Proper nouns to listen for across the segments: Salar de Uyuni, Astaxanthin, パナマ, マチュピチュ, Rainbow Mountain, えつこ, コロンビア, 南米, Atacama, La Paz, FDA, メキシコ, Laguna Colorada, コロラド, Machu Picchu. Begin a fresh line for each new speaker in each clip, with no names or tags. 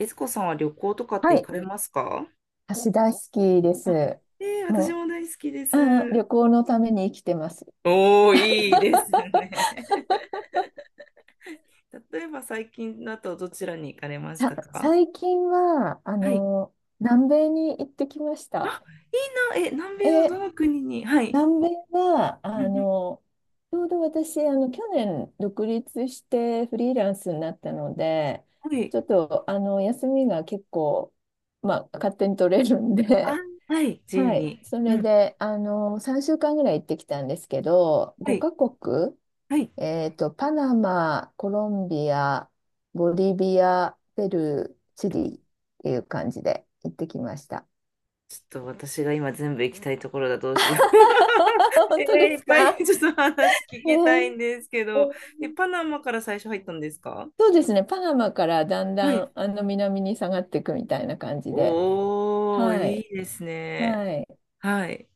えつこさんは旅行とかって
は
行
い。
かれますか？
橋大好きで
あ、
す。
ええ、私
も
も大好きで
う、うん、
す。
旅行のために生きてます。
いいですね。例えば最近だとどちらに行かれまし
さ、
たか？
最近は、
はい。
南米に行ってきました。
あ、いいな。え、南米の
え、
どの国に？はい。
南米は、
うんうん。
ちょうど私、去年独立してフリーランスになったので、
はい。
ちょっと、休みが結構、まあ、勝手に取れるん
あ、
で、
はい。自由
はい。
に。
そ
う
れ
ん。
で、3週間ぐらい行ってきたんですけど、
はい。
5カ
はい。
国パナマ、コロンビア、ボリビア、ペルー、チリっていう感じで行ってきました。
ちょっと私が今全部行きたいところだ。どうしよう。
本当
えー、
で
いっ
す
ぱい
か？
ちょっと話聞
ね
きたいん
え。
ですけど、え、パナマから最初入ったんですか？
そうですね、パナマからだん
は
だ
い。
ん南に下がっていくみたいな感じで。
おー、
は
いい
い。
ですね。
はい。
はい。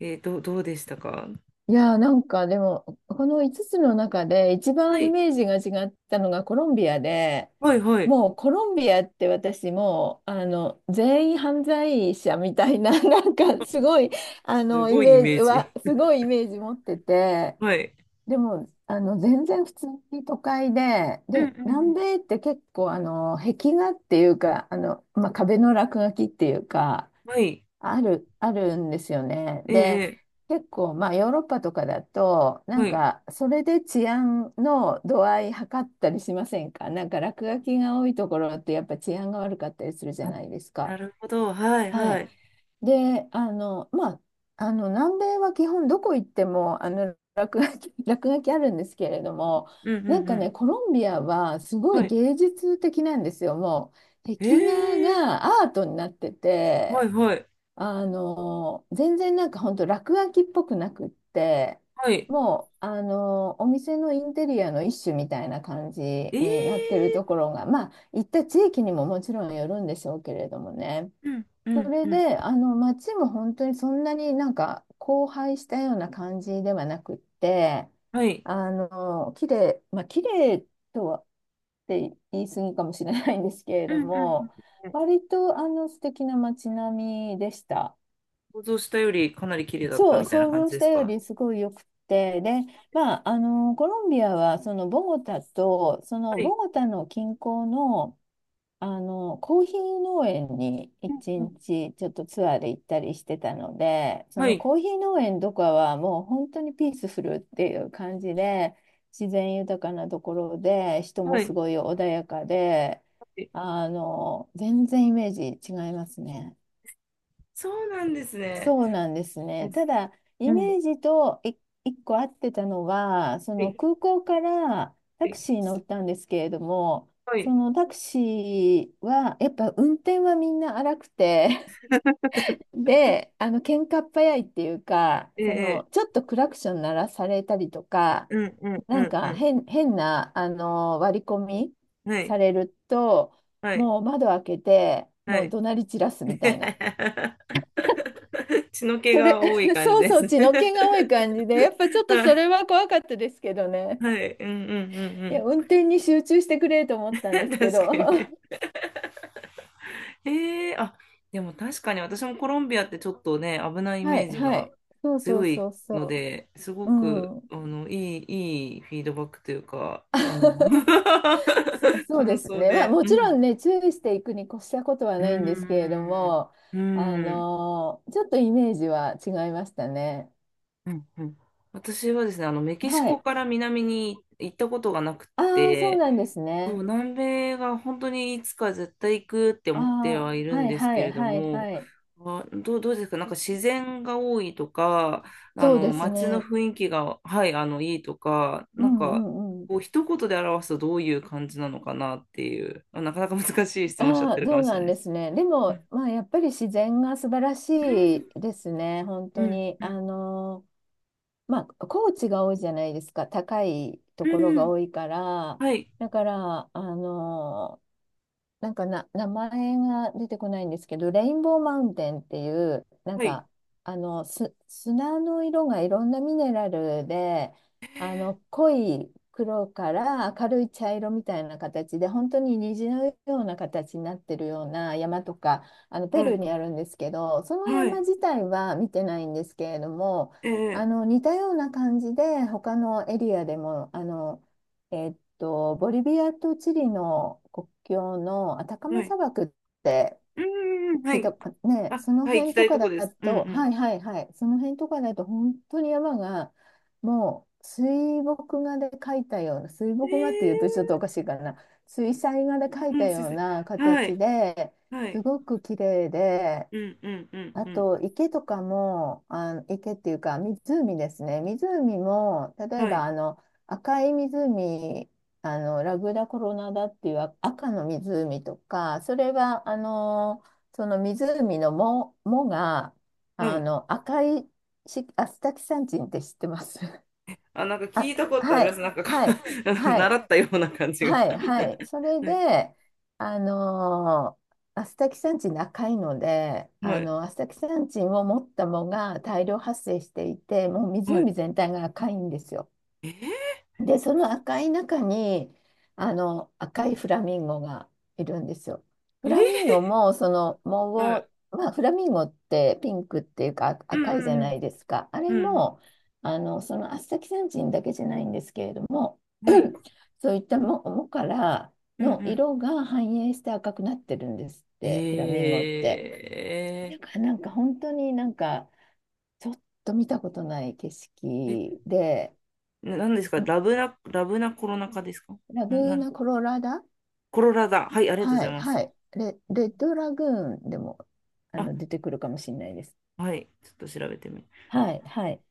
えー、どうでしたか？
いやー、なんかでもこの5つの中で一
は
番イ
い。
メージが違ったのがコロンビアで、
はい、はい。
もうコロンビアって、私もう全員犯罪者みたいな、 なんかすごい
す
イ
ごいイ
メー
メー
ジ
ジ。
は、すごいイメージ持ってて、
はい。
でも全然普通に都会で、
うんう
で
んう
南
ん。
米って結構壁画っていうか、壁の落書きっていうか、
はい。
あるんですよね。
えー
で、
え
結構、まあ、ヨーロッパとかだと、
ー
な
は
ん
い。
か、それで治安の度合い測ったりしませんか？なんか、落書きが多いところって、やっぱ治安が悪かったりするじゃないです
な
か。
るほど。はい、
は
は
い。
い。
で、南米は基本どこ行っても、落書き、落書きあるんですけれども、
うん、うん、う
なんか
ん。
ね、コロンビアはすご
は
い
い。
芸術的なんですよ。もう、
え
壁画
え
がアートになって
ー、は
て、
い、はい。
全然なんか本当落書きっぽくなくって、
はい。
もう、お店のインテリアの一種みたいな感じになってる
ええ
ところが、まあ、行った地域にももちろんよるんでしょうけれどもね。
ー、うんう
そ
ん
れ
うん。
で、街も本当にそんなになんか荒廃したような感じではなくって、
はい。
綺麗、まあ、綺麗とは言い過ぎかもしれないんですけれ
うん
ど
うんうん。
も、割と素敵な街並みでした。
想像したよりかなり綺麗だった
そう、
みたいな
想
感
像
じ
し
で
た
す
よ
か？
りすごいよくて、で、まあ、コロンビアは、そのボゴタと、そ
は
の
い。
ボゴタの近郊の、コーヒー農園に
う
一
んうん。
日ちょっとツアーで行ったりしてたので、そ
は
の
い。
コーヒー農園とかはもう本当にピースフルっていう感じで、自然豊かなところで、人も
は
す
い。
ごい穏やかで、
はい。
全然イメージ違いますね。
そうなんですね。
そうなんです
え、
ね。ただ、
う
イ
ん。は
メージと一個合ってたのは、その
い。
空港から
は
タク
い。
シーに乗ったんですけれども、
は
そ
い。
のタクシーは、やっぱ運転はみんな荒くて、で、喧嘩っ早いっていうか、
え
そ
え
の、
え。
ちょっとクラクション鳴らされたりとか、
うんうんう
なん
んう
か
ん。
変な、割り込み
は
さ
い。
れると、
はい。
もう窓開けて、
は
もう
い。
怒鳴り散らすみたいな。
血の気
それ、
が多い 感じ
そう
で
そ
す
う、
ね。
血の気が多い感じで、やっぱちょっ と
は
それ
い。
は怖かったですけどね。
はい。うんうんう
いや、
ん
運転に集中してくれと思った
う
んです
ん。
けど。
確か に。
は
ええ、あ、でも確かに私もコロンビアってちょっとね、危ないイメー
い、
ジ
は
が
い。そうそう
強い
そう
の
そ
で、すご
う。う
く、
ん。
いい、いいフィードバックというか、
そうで
感
す
想
ね。まあ、
で。
も
う
ちろ
ん。
んね、注意していくに越したことは
うー
ないんですけれど
ん。
も、
うーん。
ちょっとイメージは違いましたね。
うんうん。私はですね、メキシ
は
コ
い。
から南に行ったことがなく
ああ、そう
て、
なんです
そう、
ね。
南米が本当にいつか絶対行くって
あ
思ってはい
あ、
るん
はい
です
は
け
い
れど
はい
も、
はい。
あ、どうですか？なんか自然が多いとか、
そうです
街の
ね。
雰囲気が、はい、いいとか、
うんうん。
こう、一言で表すとどういう感じなのかなっていう、あ、なかなか難しい質問しちゃっ
あ
て
あ、
るか
そ
も
う
しれ
な
ない
ん
で
で
す。
すね。で
う
も、
ん、
まあ、やっぱり自然が素晴ら
う
し
ん、
いですね、本
う
当
ん、
に。
うん、
高地が多いじゃないですか、高いと
う
ころが
ん。
多いから。
はい、
だから、なんかな、名前が出てこないんですけど、レインボーマウンテンっていう、なん
はい、
か、砂の色がいろんなミネラルで、濃い黒から明るい茶色みたいな形で、本当に虹のような形になってるような山とか、ペ
は
ルー
い、
にあるんですけど、その
は
山
い。
自体は見てないんですけれども、
ええ、
似たような感じで、他のエリアでも、ボリビアとチリの国境のアタカ
は
マ
い。
砂漠って
うんん、は
聞いた、
い。
ね、
あ、
その
はい、行き
辺
た
と
いと
か
こ
だ
です。うん
と、
う
はいはいはい、その辺とかだと本当に山がもう水墨画で描いたような、水
ん。
墨画っていうと
え
ちょっとおかしいかな、水彩画で描
ー、
い
う
た
ん、すい
よ
ま
う
せん。
な
は
形
い、
で
は
す
い。
ごく綺麗で、
うんうんうん
あ
うん。
と、池とかも、あ、池っていうか、湖ですね。湖も、例え
はい、
ば、赤い湖、ラグダコロナダっていう、あ、赤の湖とか、それは、その湖の藻が、
は
あ
い。
の、赤いし、アスタキサンチンって知ってます？
あ、なんか 聞
あ、
いたことあ
は
ります。
い、
なんかか
はい、はい。
習ったような感じが。
はいはい。それ
はい、
で、あのーアスタキサンチン高いので、
はい、
アスタキサンチンを持った藻が大量発生していて、もう
はい。
湖全体が赤いんですよ。
え
で、その赤い中に、赤いフラミンゴがいるんですよ。フ
ー、
ラミンゴ
え
も、その
ー、
藻
はい。
を、まあ、フラミンゴってピンクっていうか
う
赤いじゃ
んう
な
ん
いですか。あ
う
れ
ん。うん、
も、そのアスタキサンチンだけじゃないんですけれども、
はい。
そういったもから
うんう
の
ん。
色が反映して赤くなってるんですって、フラミン
え
ゴって。なんか本当になんか、ちょっと見たことない景
ー、え、
色で。
ななんですか、ラ
ん
ブな、ラブなコロナ禍ですか？
ラグ
な、な
ー
ん、
ナ・コロラダ。
コロラだ。はい、ありがとうご
は
ざい
い、
ます。
はい。レッドラグーンでも
あ、
出てくるかもしれないです。
はい。ちょっと調べてみます。
はい、はい。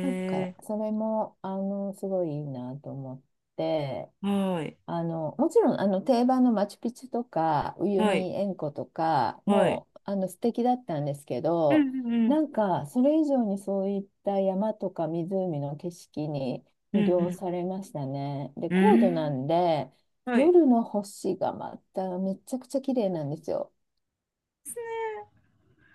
なんか、それも、すごいいいなと思って、
ー、はい、
もちろん、定番のマチュピチュとか、ウユ
はい、
ニ塩湖とか
はい。
も、素敵だったんですけ
う
ど、
んう
な
ん
んか、それ以上にそういった山とか湖の景色に
うん、
魅
う
了
ん
されましたね。で、
う
高
ん、う
度な
ん。
んで、
はい。
夜の星がまためちゃくちゃ綺麗なんですよ。
です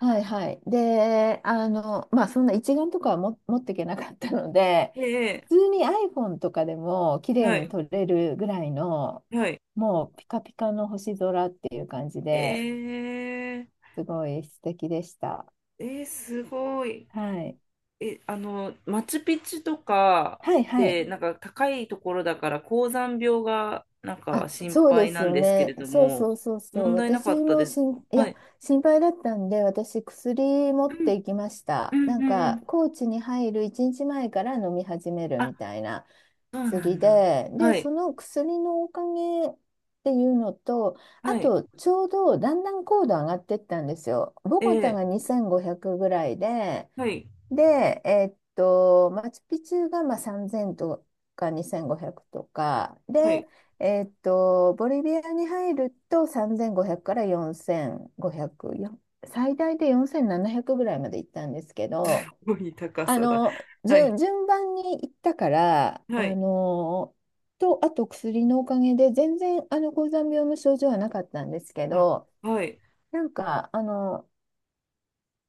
はいはい。で、そんな一眼とかはも持っていけなかったので、
ね。え
普通
え、
に iPhone とかでも綺麗
は
に
い、
撮れるぐらいの、
はい。
もうピカピカの星空っていう感じで、
ええ
すごい素敵でした。
えー、すごい。
はい。
え、マチュピチュとか
はいはい。
で、なんか高いところだから高山病がなん
あ、
か心
そうで
配
す
なん
よ
ですけれ
ね。
ど
そう
も、
そうそうそう。
問題なかっ
私
た
も
です
しん、
か？
い
は
や、
い。
心配だったんで、私薬持
う
って
ん
いきまし
う
た。な
んう
ん
んう
か、
ん。
高知に入る1日前から飲み始めるみ
あ、
たいな。
そうなん
薬
だ。
で、で、
はい、
その薬のおかげっていうのと、
は
あ
い。
と、ちょうどだんだん高度上がってったんですよ。ボゴタ
ええ、
が2500ぐらいで、
はい、
で、マチュピチュがまあ3000とか2500とか、
は
で、
い。
ボリビアに入ると3500から4500、最大で4700ぐらいまで行ったんですけど、
ごい高
あ
さだ。
の、
はい、
順番に行ったから、
はい、
あと薬のおかげで、全然、高山病の症状はなかったんですけ
あ、
ど、
はい、
なんか、あの、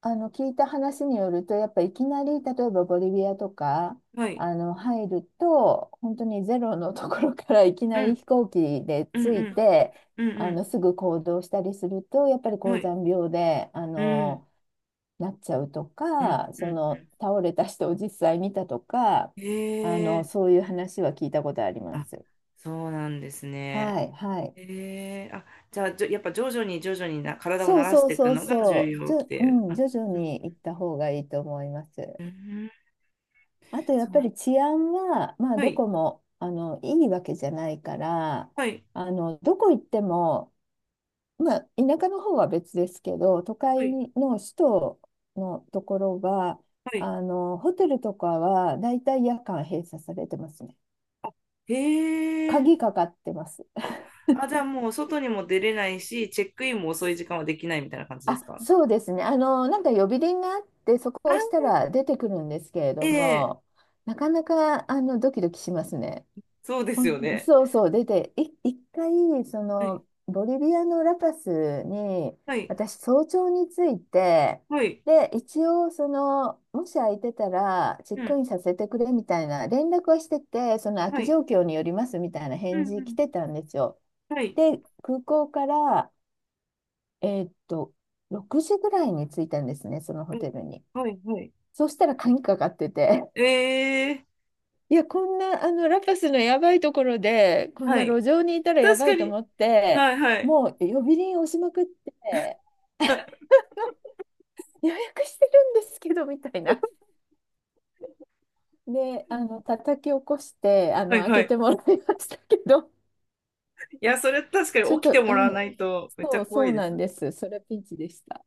あの、聞いた話によると、やっぱいきなり、例えばボリビアとか、
はい、
入ると、本当にゼロのところからいき
う
なり
ん、
飛行機で
うん、
着いて、
うん、うん、
すぐ行動したりすると、やっぱり
うん、は
高
い、
山病で、
うん、
なっちゃうと
うん、
か、
う
そ
ん、
の
う
倒れた人を実際見たとか、
ん。へえ、
そういう話は聞いたことありま
あ、
す。
そうなんですね。
はい、はい。
へえ、あ、じゃあ、やっぱ徐々にな体を
そ
慣
う
らし
そう
ていく
そう
のが重
そう。
要っていう。
うん、
あ、
徐々
うん、
に行った方がいいと思います。
うん、うん。
あとやっ
そ
ぱ
う。
り治安は、まあ
は
ど
い、
こも、いいわけじゃないから、
はい、
どこ行っても、まあ田舎の方は別ですけど、都
は
会
い、
の首都のところは、
はい。
ホテルとかはだいたい夜間閉鎖されてますね。
へえ、
鍵かかってます。
あ、あ、じゃあもう外にも出れないし、チェックインも遅い時間はできないみたいな感じで
あ、
すか？
そうですね。なんか呼び鈴があって、そこを
あ、
押したら出てくるんですけれど
ええ、
も、なかなか、ドキドキしますね。
そうですよね。
そうそう、出て、い、一回、そ
はい。
の、ボリビアのラパスに、
はい。
私、早朝に着いて、
はい。
で、一応、その、もし空いてたら、チェ
う
ッ
ん。
クインさせてくれみたいな、連絡はしてて、その空
は
き
い。
状況によりますみたいな
う
返
ん
事
う
来
ん。
てたんですよ。
はい。
で、空港から、えーっと、6時ぐらいに着いたんですね、そのホテルに。
はい。はい。
そうしたら鍵かかってて、
えー。
いや、こんな、ラパスのやばいところで、こん
は
な路
い。
上にいたらや
確
ば
か
いと
に。
思って、
はいはい。
もう呼び鈴押しまくって、予約してるんですけど、みたいな。で、叩き起こして、
はい
開
は
け
い。
てもらいましたけど、
いや、それ確か
ちょ
に
っ
起きて
と、う
もらわ
ん、
ないとめっちゃ
そう、
怖
そ
い
う
で
なん
す。
です。それはピンチでした。